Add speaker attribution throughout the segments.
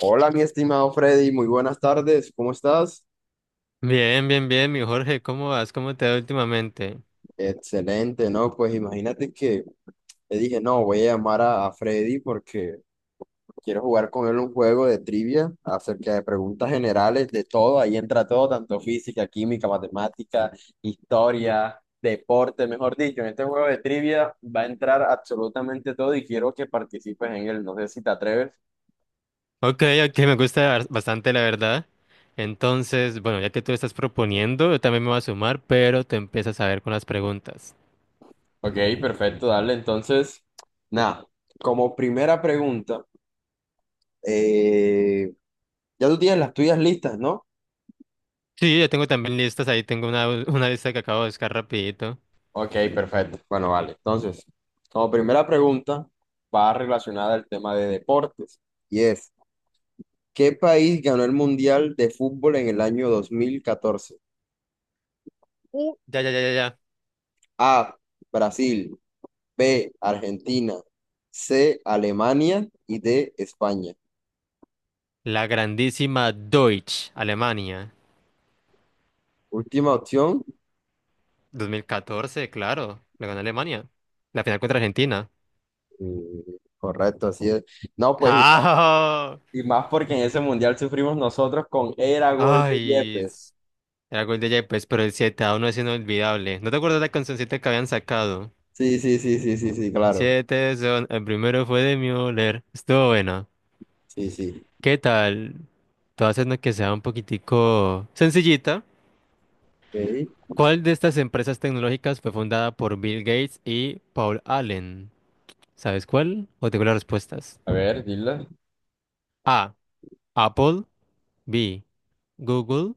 Speaker 1: Hola, mi estimado Freddy, muy buenas tardes, ¿cómo estás?
Speaker 2: Bien, bien, bien, mi Jorge, ¿cómo vas? ¿Cómo te va últimamente?
Speaker 1: Excelente, ¿no? Pues imagínate que le dije, no, voy a llamar a Freddy porque quiero jugar con él un juego de trivia acerca de preguntas generales de todo, ahí entra todo, tanto física, química, matemática, historia, deporte, mejor dicho, en este juego de trivia va a entrar absolutamente todo y quiero que participes en él, no sé si te atreves.
Speaker 2: Ok, ok, me gusta bastante, la verdad. Entonces, bueno, ya que tú estás proponiendo, yo también me voy a sumar, pero te empiezas a ver con las preguntas.
Speaker 1: Ok, perfecto, dale, entonces, nada, como primera pregunta. Eh, ya tú tienes las tuyas listas, ¿no?
Speaker 2: Sí, ya tengo también listas, ahí tengo una lista que acabo de buscar rapidito.
Speaker 1: Ok, perfecto. Bueno, vale. Entonces, como primera pregunta, va relacionada al tema de deportes. Y es, ¿qué país ganó el Mundial de Fútbol en el año 2014?
Speaker 2: Ya, ya, ya, ya, ya.
Speaker 1: A, Brasil. B, Argentina. C, Alemania. Y D, España.
Speaker 2: La grandísima Deutsch, Alemania.
Speaker 1: Última opción.
Speaker 2: 2014, claro, la ganó Alemania. La final contra Argentina.
Speaker 1: Mm. Correcto, así es. No, pues,
Speaker 2: ¡Ah!
Speaker 1: y más porque en ese Mundial sufrimos nosotros con era gol de
Speaker 2: Ay,
Speaker 1: Yepes.
Speaker 2: era gol de Yepes, pero el siete a 1 es inolvidable. ¿No te acuerdas la cancioncita que habían sacado?
Speaker 1: Sí, sí, sí, sí, sí, sí, claro.
Speaker 2: Siete son, el primero fue de Müller. Estuvo bueno.
Speaker 1: Sí, sí.
Speaker 2: ¿Qué tal? Todo haciendo que sea un poquitico sencillita.
Speaker 1: Ok.
Speaker 2: ¿Cuál de estas empresas tecnológicas fue fundada por Bill Gates y Paul Allen? ¿Sabes cuál? O tengo las respuestas.
Speaker 1: A ver, dile.
Speaker 2: A. Apple. B. Google.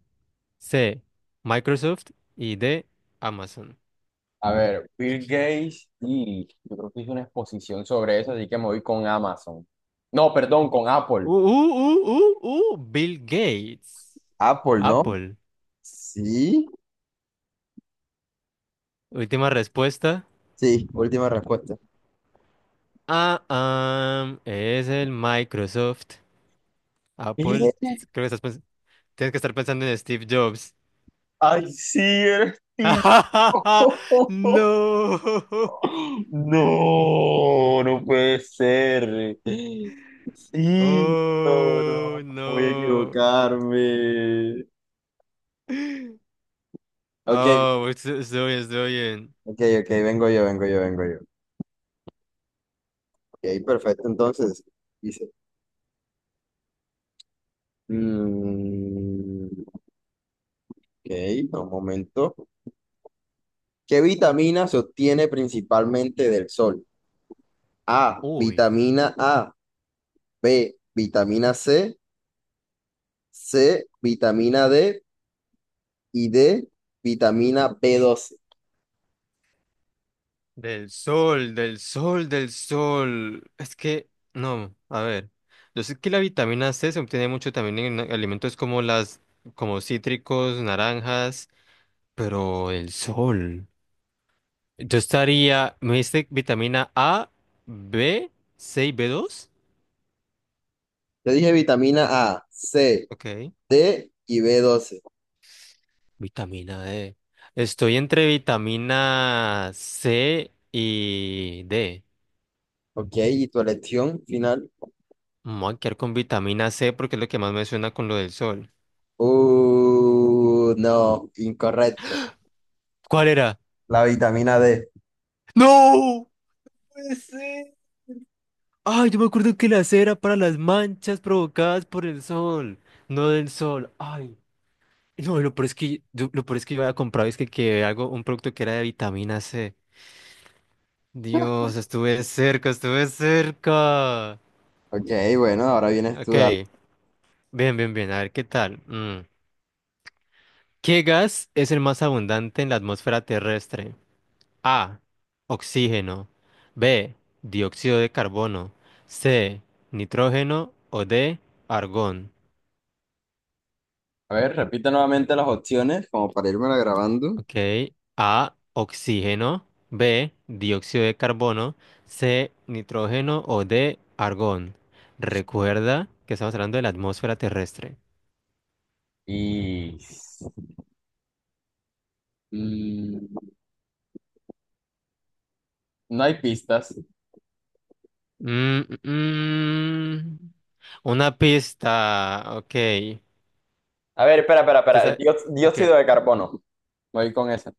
Speaker 2: C. Microsoft. Y D. Amazon.
Speaker 1: A ver, Bill Gates, y yo creo que hizo una exposición sobre eso, así que me voy con Amazon. No, perdón, con Apple.
Speaker 2: Bill Gates.
Speaker 1: Apple, ¿no?
Speaker 2: Apple.
Speaker 1: Sí.
Speaker 2: Última respuesta.
Speaker 1: Sí, última respuesta.
Speaker 2: Ah, es el Microsoft. Apple.
Speaker 1: ¿Eh?
Speaker 2: Creo que tienes que estar pensando en Steve Jobs.
Speaker 1: Ay, sí, eres tío.
Speaker 2: No.
Speaker 1: No, no puede ser. Sí, no, no,
Speaker 2: Oh,
Speaker 1: no voy a
Speaker 2: no.
Speaker 1: equivocarme. Ok,
Speaker 2: Oh, estoy bien, estoy bien.
Speaker 1: ok, ok, vengo yo, vengo yo, vengo yo. Y ahí perfecto, entonces dice, mm, ok, no, un momento. ¿Qué vitamina se obtiene principalmente del sol? A,
Speaker 2: Uy.
Speaker 1: vitamina A, B, vitamina C, C, vitamina D y D, vitamina B12.
Speaker 2: Del sol, del sol, del sol. Es que, no, a ver. Yo sé que la vitamina C se obtiene mucho también en alimentos como cítricos, naranjas, pero el sol. Yo estaría, me dice vitamina A, B, C y B2.
Speaker 1: Te dije vitamina A, C,
Speaker 2: Ok.
Speaker 1: D y B12.
Speaker 2: Vitamina D. Estoy entre vitamina C y D.
Speaker 1: Ok, ¿y tu elección final?
Speaker 2: Me voy a quedar con vitamina C porque es lo que más me suena con lo del sol.
Speaker 1: No, incorrecto.
Speaker 2: ¿Cuál era?
Speaker 1: La vitamina D.
Speaker 2: ¡No! Puede ser. Ay, yo me acuerdo que la cera para las manchas provocadas por el sol, no del sol. Ay, no, lo peor es que yo, lo peor es que yo había comprado es que algo, un producto que era de vitamina C. Dios, estuve cerca, estuve cerca.
Speaker 1: Ok, bueno, ahora vienes tú,
Speaker 2: Ok,
Speaker 1: dale.
Speaker 2: bien, bien, bien, a ver qué tal. Mm. ¿Qué gas es el más abundante en la atmósfera terrestre? A, oxígeno. B, dióxido de carbono. C, nitrógeno o D, argón.
Speaker 1: A ver, repite nuevamente las opciones como para irme grabando.
Speaker 2: Ok. A, oxígeno. B, dióxido de carbono. C, nitrógeno. O D, argón. Recuerda que estamos hablando de la atmósfera terrestre.
Speaker 1: Y... mm, no hay pistas.
Speaker 2: Mm, mm. Una pista. Ok.
Speaker 1: A ver, espera, espera,
Speaker 2: Te
Speaker 1: espera. El
Speaker 2: sa- ok.
Speaker 1: dióxido de carbono. Voy con esa.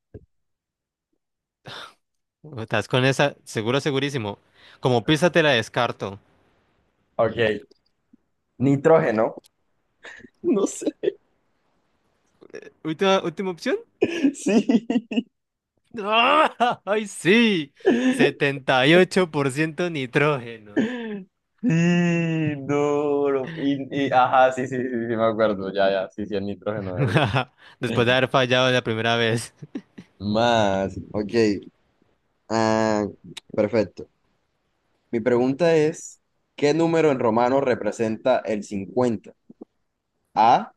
Speaker 2: ¿Estás con esa? Seguro, segurísimo. Como pista te la descarto.
Speaker 1: Ok. Nitrógeno. No sé.
Speaker 2: Última, última opción.
Speaker 1: Sí.
Speaker 2: ¡Ah! ¡Ay, sí! 78% nitrógeno.
Speaker 1: Sí, duro. Y, ajá, sí, sí, sí, sí, me acuerdo. Ya, ya, sí, sí, el nitrógeno, ¿verdad?
Speaker 2: Después de haber fallado la primera vez.
Speaker 1: Más. Ok. Ah, perfecto. Mi pregunta es, ¿qué número en romano representa el 50? A,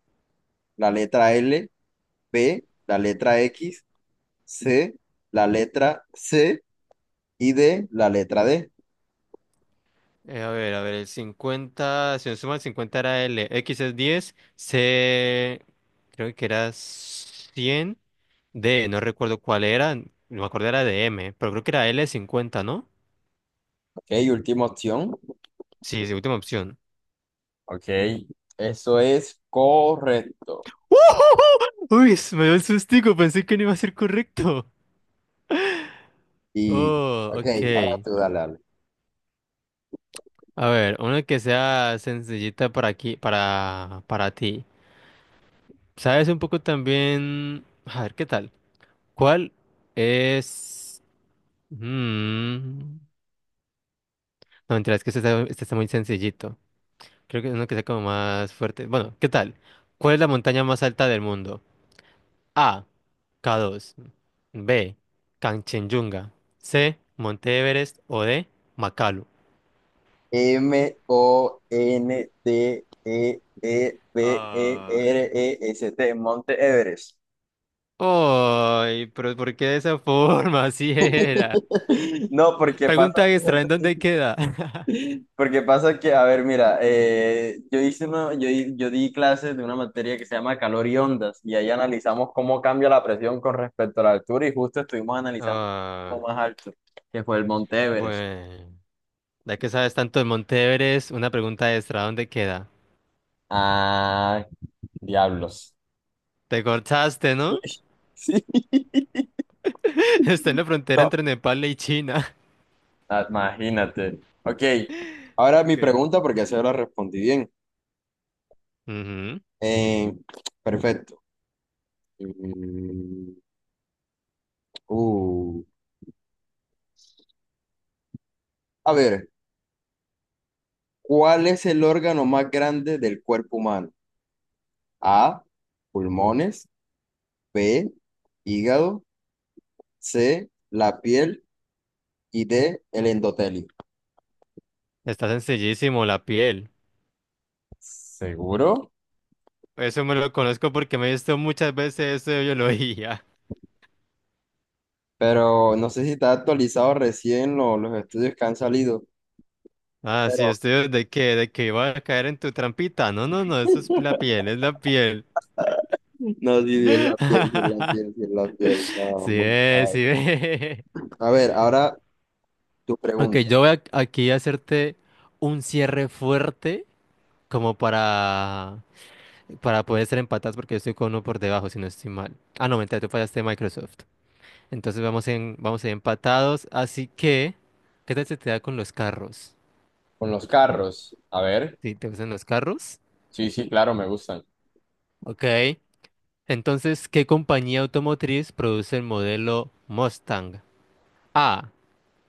Speaker 1: la letra L, B, la letra X, C, la letra C y D, la letra D.
Speaker 2: A ver, a ver, el 50, si no suma el 50 era L, X es 10, C creo que era 100, D no recuerdo cuál era, no me acuerdo era de M, pero creo que era L 50, ¿no?
Speaker 1: Ok, última opción.
Speaker 2: Sí, es última opción.
Speaker 1: Ok, eso es correcto.
Speaker 2: Uy, se me dio el sustico, pensé que no iba a ser correcto.
Speaker 1: Y,
Speaker 2: Oh,
Speaker 1: ok, ahora
Speaker 2: ok.
Speaker 1: tú dale, dale.
Speaker 2: A ver, una que sea sencillita para aquí, para ti. ¿Sabes un poco también? A ver, ¿qué tal? ¿Cuál es? Mm, no, mentira, es que este está muy sencillito. Creo que es uno que sea como más fuerte. Bueno, ¿qué tal? ¿Cuál es la montaña más alta del mundo? A. K2. B. Kanchenjunga. C. Monte Everest. O D. Makalu.
Speaker 1: M, O, N, T, E, E, B, E,
Speaker 2: Ah,
Speaker 1: R, E, S, T, Monte Everest.
Speaker 2: ay, pero ¿por qué de esa forma? Así era.
Speaker 1: No, porque pasa.
Speaker 2: Pregunta extra, ¿en dónde queda?
Speaker 1: Porque pasa que, a ver, mira, yo di clases de una materia que se llama calor y ondas, y ahí analizamos cómo cambia la presión con respecto a la altura, y justo estuvimos analizando lo
Speaker 2: Ah,
Speaker 1: más alto, que fue el Monte Everest.
Speaker 2: bueno. Ya que sabes tanto de Monteveres, una pregunta extra, ¿dónde queda?
Speaker 1: Ah, diablos.
Speaker 2: Te cortaste, ¿no?
Speaker 1: Sí,
Speaker 2: Está en la frontera
Speaker 1: no,
Speaker 2: entre Nepal y China.
Speaker 1: ah, imagínate. Ok, ahora mi
Speaker 2: Ok.
Speaker 1: pregunta, porque así la respondí bien.
Speaker 2: Ujú.
Speaker 1: Eh, perfecto. Mm, uh, a ver. ¿Cuál es el órgano más grande del cuerpo humano? A, pulmones, B, hígado, C, la piel y D, el endotelio.
Speaker 2: Está sencillísimo, la piel.
Speaker 1: ¿Seguro?
Speaker 2: Eso me lo conozco porque me he visto muchas veces eso de biología.
Speaker 1: Pero no sé si está actualizado recién los estudios que han salido,
Speaker 2: Ah, sí,
Speaker 1: pero
Speaker 2: estoy de que iba a caer en tu trampita. No, no, no, eso es la piel, es la piel.
Speaker 1: no, sí, sí, es la piel, sí, es la piel, sí, es la piel. No,
Speaker 2: Sí,
Speaker 1: muy
Speaker 2: es,
Speaker 1: mal.
Speaker 2: sí, es.
Speaker 1: A ver, ahora tu
Speaker 2: Ok,
Speaker 1: pregunta.
Speaker 2: yo aquí a hacerte un cierre fuerte como para poder ser empatados porque yo estoy con uno por debajo, si no estoy mal. Ah, no, mentira, tú fallaste Microsoft. Entonces vamos a ir empatados, así que, ¿qué tal se te da con los carros?
Speaker 1: Con los carros. A ver.
Speaker 2: ¿Sí, te gustan los carros?
Speaker 1: Sí, sí, claro, me gustan.
Speaker 2: Ok. Entonces, ¿qué compañía automotriz produce el modelo Mustang? A.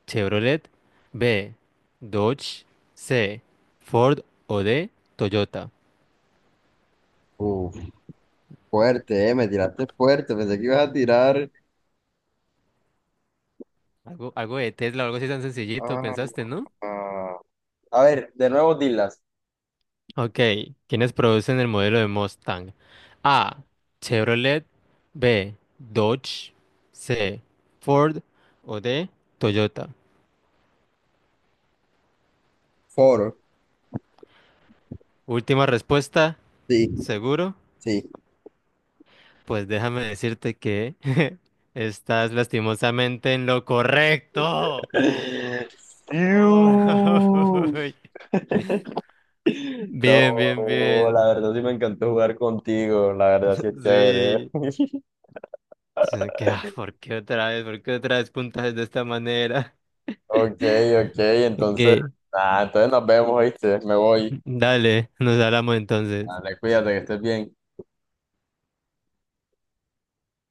Speaker 2: Chevrolet. B. Dodge. C. Ford o D. Toyota.
Speaker 1: Uf, fuerte, me tiraste fuerte, pensé que ibas a tirar.
Speaker 2: Algo de Tesla, algo así tan sencillito,
Speaker 1: Ah,
Speaker 2: pensaste, ¿no?
Speaker 1: ah. A ver, de nuevo dilas.
Speaker 2: Ok, ¿quiénes producen el modelo de Mustang? A. Chevrolet. B. Dodge. C. Ford. O D. Toyota.
Speaker 1: Foro.
Speaker 2: Última respuesta.
Speaker 1: Sí,
Speaker 2: ¿Seguro?
Speaker 1: sí.
Speaker 2: Pues déjame decirte que estás lastimosamente en lo correcto.
Speaker 1: Fiu.
Speaker 2: Oh, bien, bien,
Speaker 1: No, la
Speaker 2: bien.
Speaker 1: verdad sí me encantó jugar contigo, la verdad sí es chévere. ¿Eh?
Speaker 2: Sí. Sino que, ¿por qué otra vez? ¿Por qué otra vez puntajes de esta manera?
Speaker 1: Ok, ok, entonces,
Speaker 2: Ok.
Speaker 1: ah, entonces nos vemos, ¿viste? Me voy.
Speaker 2: Dale, nos hablamos entonces.
Speaker 1: Dale, cuídate, que estés bien.